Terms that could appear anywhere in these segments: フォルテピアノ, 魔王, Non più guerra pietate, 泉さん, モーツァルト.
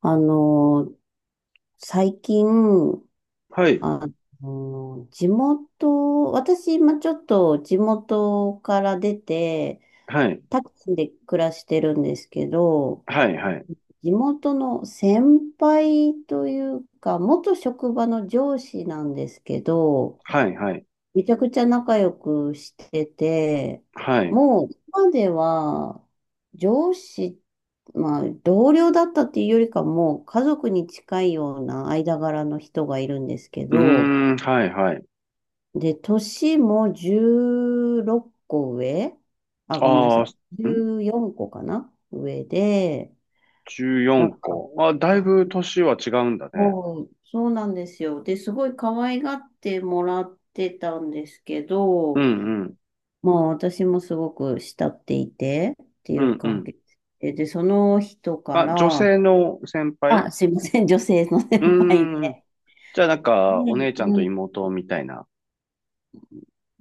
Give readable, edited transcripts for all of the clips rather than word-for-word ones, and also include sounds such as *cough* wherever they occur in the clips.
あの、最近、はい、あ地元、私、今ちょっと地元から出て、はい、タクシーで暮らしてるんですけど、はい、はい、地元の先輩というか、元職場の上司なんですけど、はい、はい、めちゃくちゃ仲良くしてて、はい。もう今では上司、まあ同僚だったっていうよりかもう家族に近いような間柄の人がいるんですけうど、ーん、はい、はい。で、年も16個上、あ、ごめんなさあい。あ、ん？ 14個かな上で、なん 14 か、個。あ、だいぶ年は違うんだね。もう、そうなんですよ。で、すごい可愛がってもらってたんですけうん、ど、うん、まあ私もすごく慕っていてっていううん、う関ん。係で、で、その人かあ、女ら、性の先輩。あ、すいません、女性の先う輩ーん。で。じゃあなんか、お姉ねちゃんうとん、妹みたいな。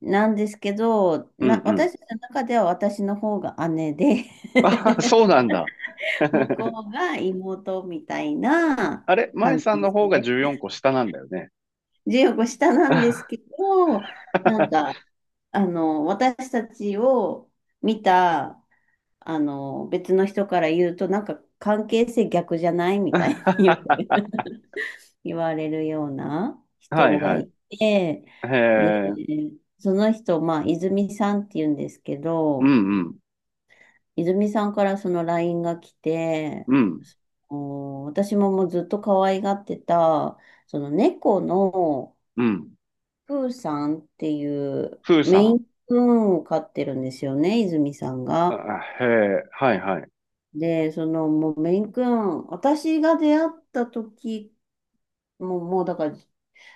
なんですけど、うんうん。私の中では私の方が姉で あ、*laughs* *laughs* そうなんだ。*laughs* 向こうが妹みたいなあれ、舞関さん係の方が性。14個下なんだよね。14個下 *laughs* なんですはけど、なんか、私たちを見た別の人から言うと、なんか関係性逆じゃないみたいによく *laughs* 言われるようない人がはい。いて、へで、え、その人、まあ、泉さんって言うんですけうんど、うん、泉さんからその LINE が来て、うん、私ももうずっと可愛がってた、その猫のうん。プーさんっていうふーさメイん。ンプーンを飼ってるんですよね、泉さんあ、が。へえ、はいはい。で、その、もうメイン君、私が出会った時、もうだから、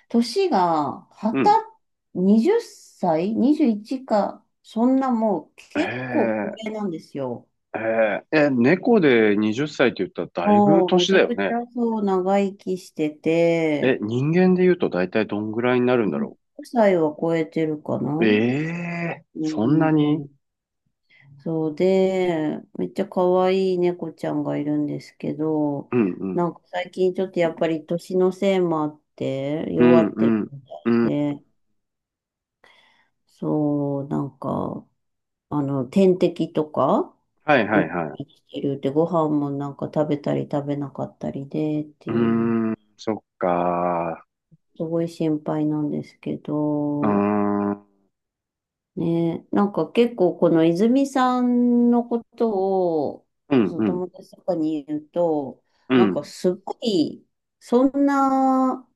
年が、う20ん。歳 21 か、そんなもうへ結構高齢え、なんですよ。へえ、え、猫で20歳って言ったらだいぶもう、め年ちだゃよくちね。ゃそう、長生きしてて、え、人間で言うとだいたいどんぐらいになるんだろ5歳は超えてるかう。な。ええ、うそんなに。ん。そうで、めっちゃ可愛い猫ちゃんがいるんですけど、うんうん。なんか最近ちょっとやっぱり年のせいもあって、う弱んっうてるん。みたいで、そう、なんか、点滴とか、はいは打っいはい。てきてるって、ご飯もなんか食べたり食べなかったりでってうーいうの、ん、そっか。すごい心配なんですけうーど、ん、うんねえ、なんか結構この泉さんのことを、うそのん、友達とかに言うと、うなんかん。すごい、そんな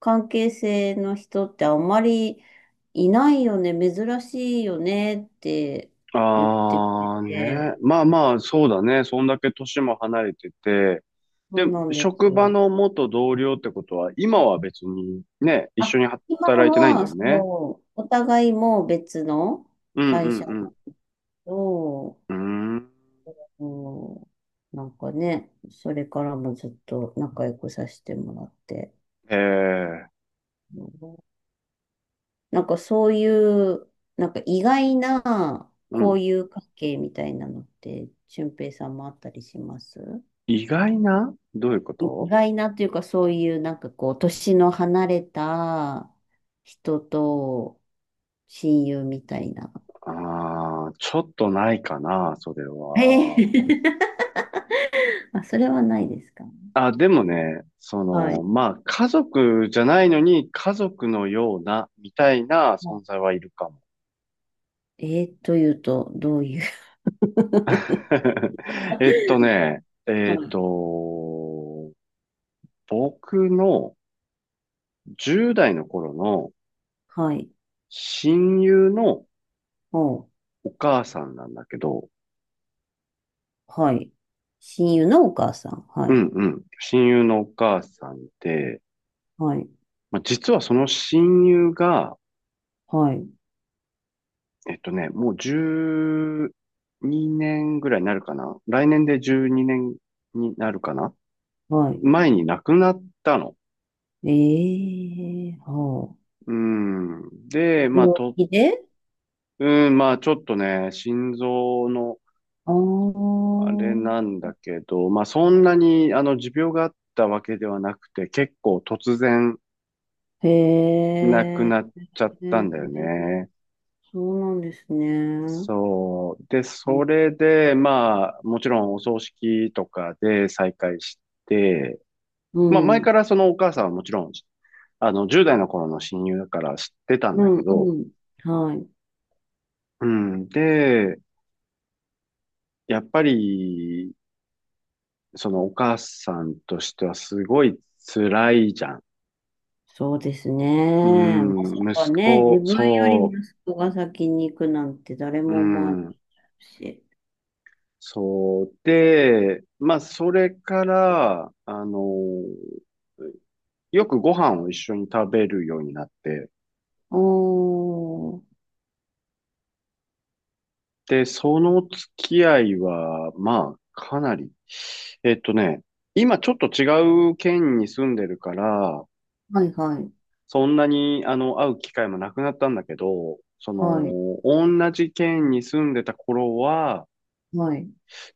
関係性の人ってあんまりいないよね、珍しいよねって言ってくれあーね。て、まあまあ、そうだね。そんだけ年も離れてて、そで、うなんです職場よ。の元同僚ってことは、今は別にね、一緒あ、に今働いてないんだは、よね。そう、お互いもう別のうんう会社だんと、うん。うーん。うん、なんかね、それからもずっと仲良くさせてもらって、ええ、うん、なんかそういう、なんか意外なうん。交友関係みたいなのって、俊平さんもあったりします。意外などういうこ意と？外なというか、そういうなんかこう、年の離れた人と親友みたいな。ああー、ちょっとないかな、それえは。ー *laughs* あ、それはないですか。あ、でもね、そはの、い。まあ、家族じゃないのに、家族のような、みたいなは存在はいるかも。い、というと、どういう？ *laughs* *laughs* えっとね、はえっい。と、僕の10代の頃のはい。親友のおう、お母さんなんだけど、はい。親友のお母さん。はうい。んうん。親友のお母さんで、はい。まあ、実はその親友が、はい。もう12年ぐらいになるかな。来年で12年にねんになるかな。は前に亡くなったの。い。ええ、はうん。で、あ。まあ、病と、気で。うん、まあ、ちょっとね、心臓の、あああれー、なんだけど、まあ、そんなに、持病があったわけではなくて、結構突然、へなくなっえ。ちゃったんだよね。そうなんですね。うそう。で、そん。れで、まあ、もちろんお葬式とかで再会して、うまあ、前かん。らそのお母さんはもちろん、10代の頃の親友だから知ってたんうだんけうど、ん。はい。うん。で、やっぱり、そのお母さんとしてはすごい辛いじゃん。そうですうね。まさん、か息ね、自子、分より息そ子が先に行くなんて誰う、うも思わないん、し。そう。で、まあ、それから、よくご飯を一緒に食べるようになって、おー。で、その付き合いは、まあ、かなり、えっとね、今ちょっと違う県に住んでるから、はいはい。そんなに、会う機会もなくなったんだけど、そはい。の、同じ県に住んでた頃は、はい。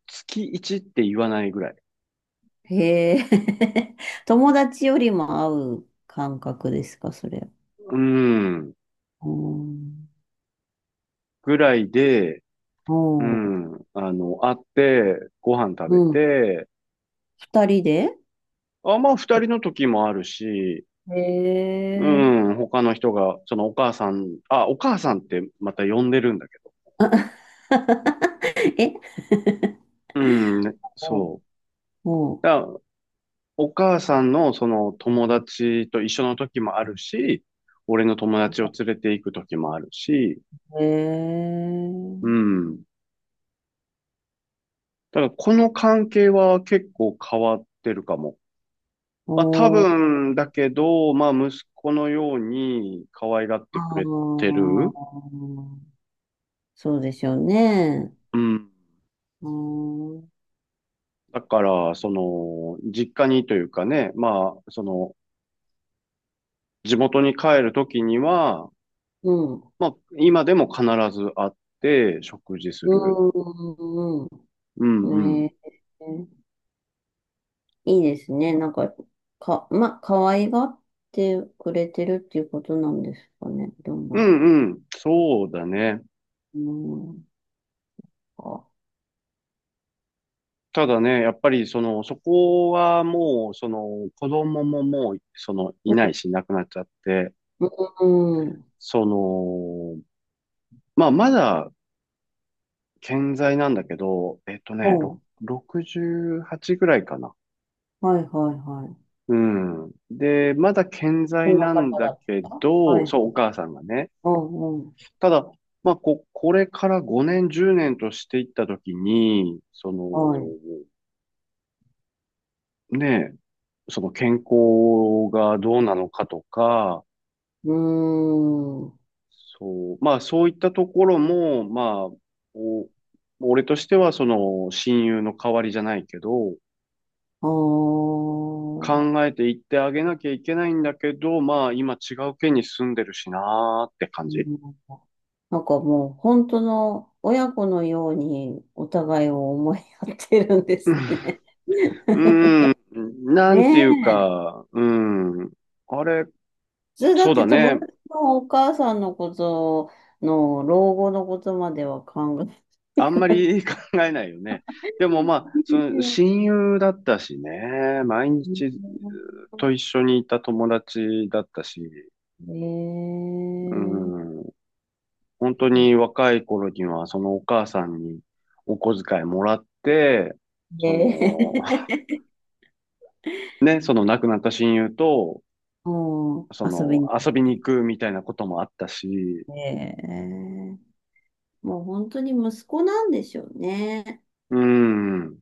月1って言わないぐらい。へえ。*laughs* 友達よりも会う感覚ですか、それ。うん。うん。ぐらいで、ううん。ん。会って、ご飯食うべん。て、二人で？あ、まあ、二人と、の時もあるし、へうえ。ん、他の人が、そのお母さん、あ、お母さんってまた呼んでるんだけど。*laughs* え、うん、ねうそう。ん。うだからお母さんのその友達と一緒の時もあるし、俺の友達を連れて行く時もあるし、ん。へうえ。ん。だからこの関係は結構変わってるかも。まあ多おー。分だけど、まあ息子のように可愛がっあてくれてる。ー、そうでしょうね。うん。うん。うん。だから、その、実家にというかね、まあ、その、地元に帰るときには、まあ、今でも必ず会って食事すうる。ん。うんううん。ん。ねえ。いいですね。なんか、可愛がってくれてるっていうことなんですかね。どうなうんだろんうん。そうだね。う。うん。あ、ただね、やっぱりその、そこはもう、その、子供ももう、その、ういん。ないし、亡くなっちゃって、うん。その、まあ、まだ健在なんだけど、うん。68ぐらいかな。はいはいはい。うん。で、まだ健そ在んななん方だだっけた。はど、い。そう、お母さんがね。うんうん。ただ、まあ、これから5年、10年としていったときに、その、はい。ねえ、その健康がどうなのかとか、うーん。そう、まあ、そういったところも、まあ、お、俺としては、その、親友の代わりじゃないけど、あー、考えていってあげなきゃいけないんだけど、まあ今違う県に住んでるしなーって感うじ。ん。なんかもう、本当の親子のようにお互いを思い合ってるんですうね。*laughs* ん、うんなんていうね、か、うん、あれ、普通だっそうだて友ね。達のお母さんのことの老後のことまでは考えあないんかまら。り *laughs* 考えないよね。うでもまあ、そのん。親友だったしね、毎日と一緒にいた友達だったし、ねうえ。ん、本当そっに若い頃にはそのお母さんにお小遣いもらって、そで、 の、ね、その亡くなった親友と、 *laughs* もうそ遊びの、に来遊びに行くみたいなこともあったし、て、もう本当に息子なんでしょうね。うん。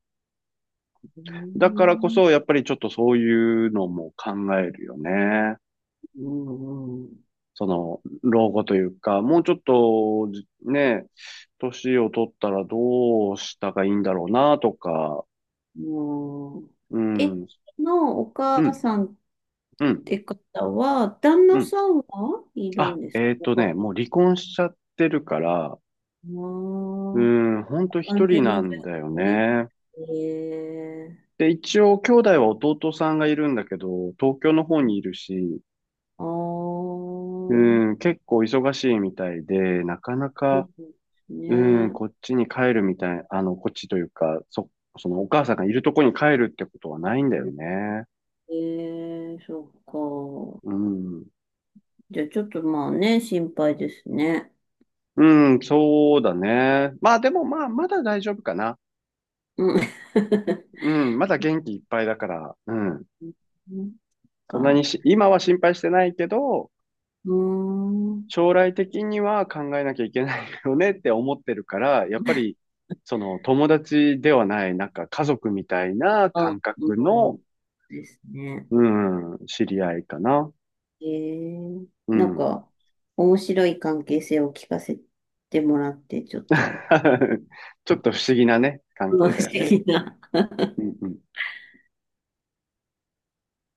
うだからこん、そ、やっぱりちょっとそういうのも考えるよね。うんうん。その、老後というか、もうちょっと、年を取ったらどうしたがいいんだろうな、とか、もう、うえ、ん、うん、のお母さんっうん、て方は、旦う那ん。さんはいるあ、んですか？もう離婚しちゃってるから、あうん、ほんあ、と一完全人なにじゃんあだよ一人。ね。ええ。で、一応、兄弟は弟さんがいるんだけど、東京の方にいるし、ああ、そうん、結構忙しいみたいで、なかなうか、ですうん、ね。こっちに帰るみたい、こっちというか、そのお母さんがいるとこに帰るってことはないんだよね。ええ、そっうか。ん。じゃあちょっとまあね、心配ですね。うん、そうだね。まあでもまあ、まだ大丈夫かな。うん。*laughs* うん、まだ元気いっぱいだから、うん。なんそんなにか、し、今は心配してないけど、うーん。将来的には考えなきゃいけないよねって思ってるから、やっぱり、その友達ではない、なんか家族みたいなあ、う感覚の、ん、ですね。うん、知り合いかな。ええ、うなんん。か、面白い関係性を聞かせてもらって、ちょっと、*laughs* ちょっあ、と不思議なね、関不係だ思よね。議なうんうん。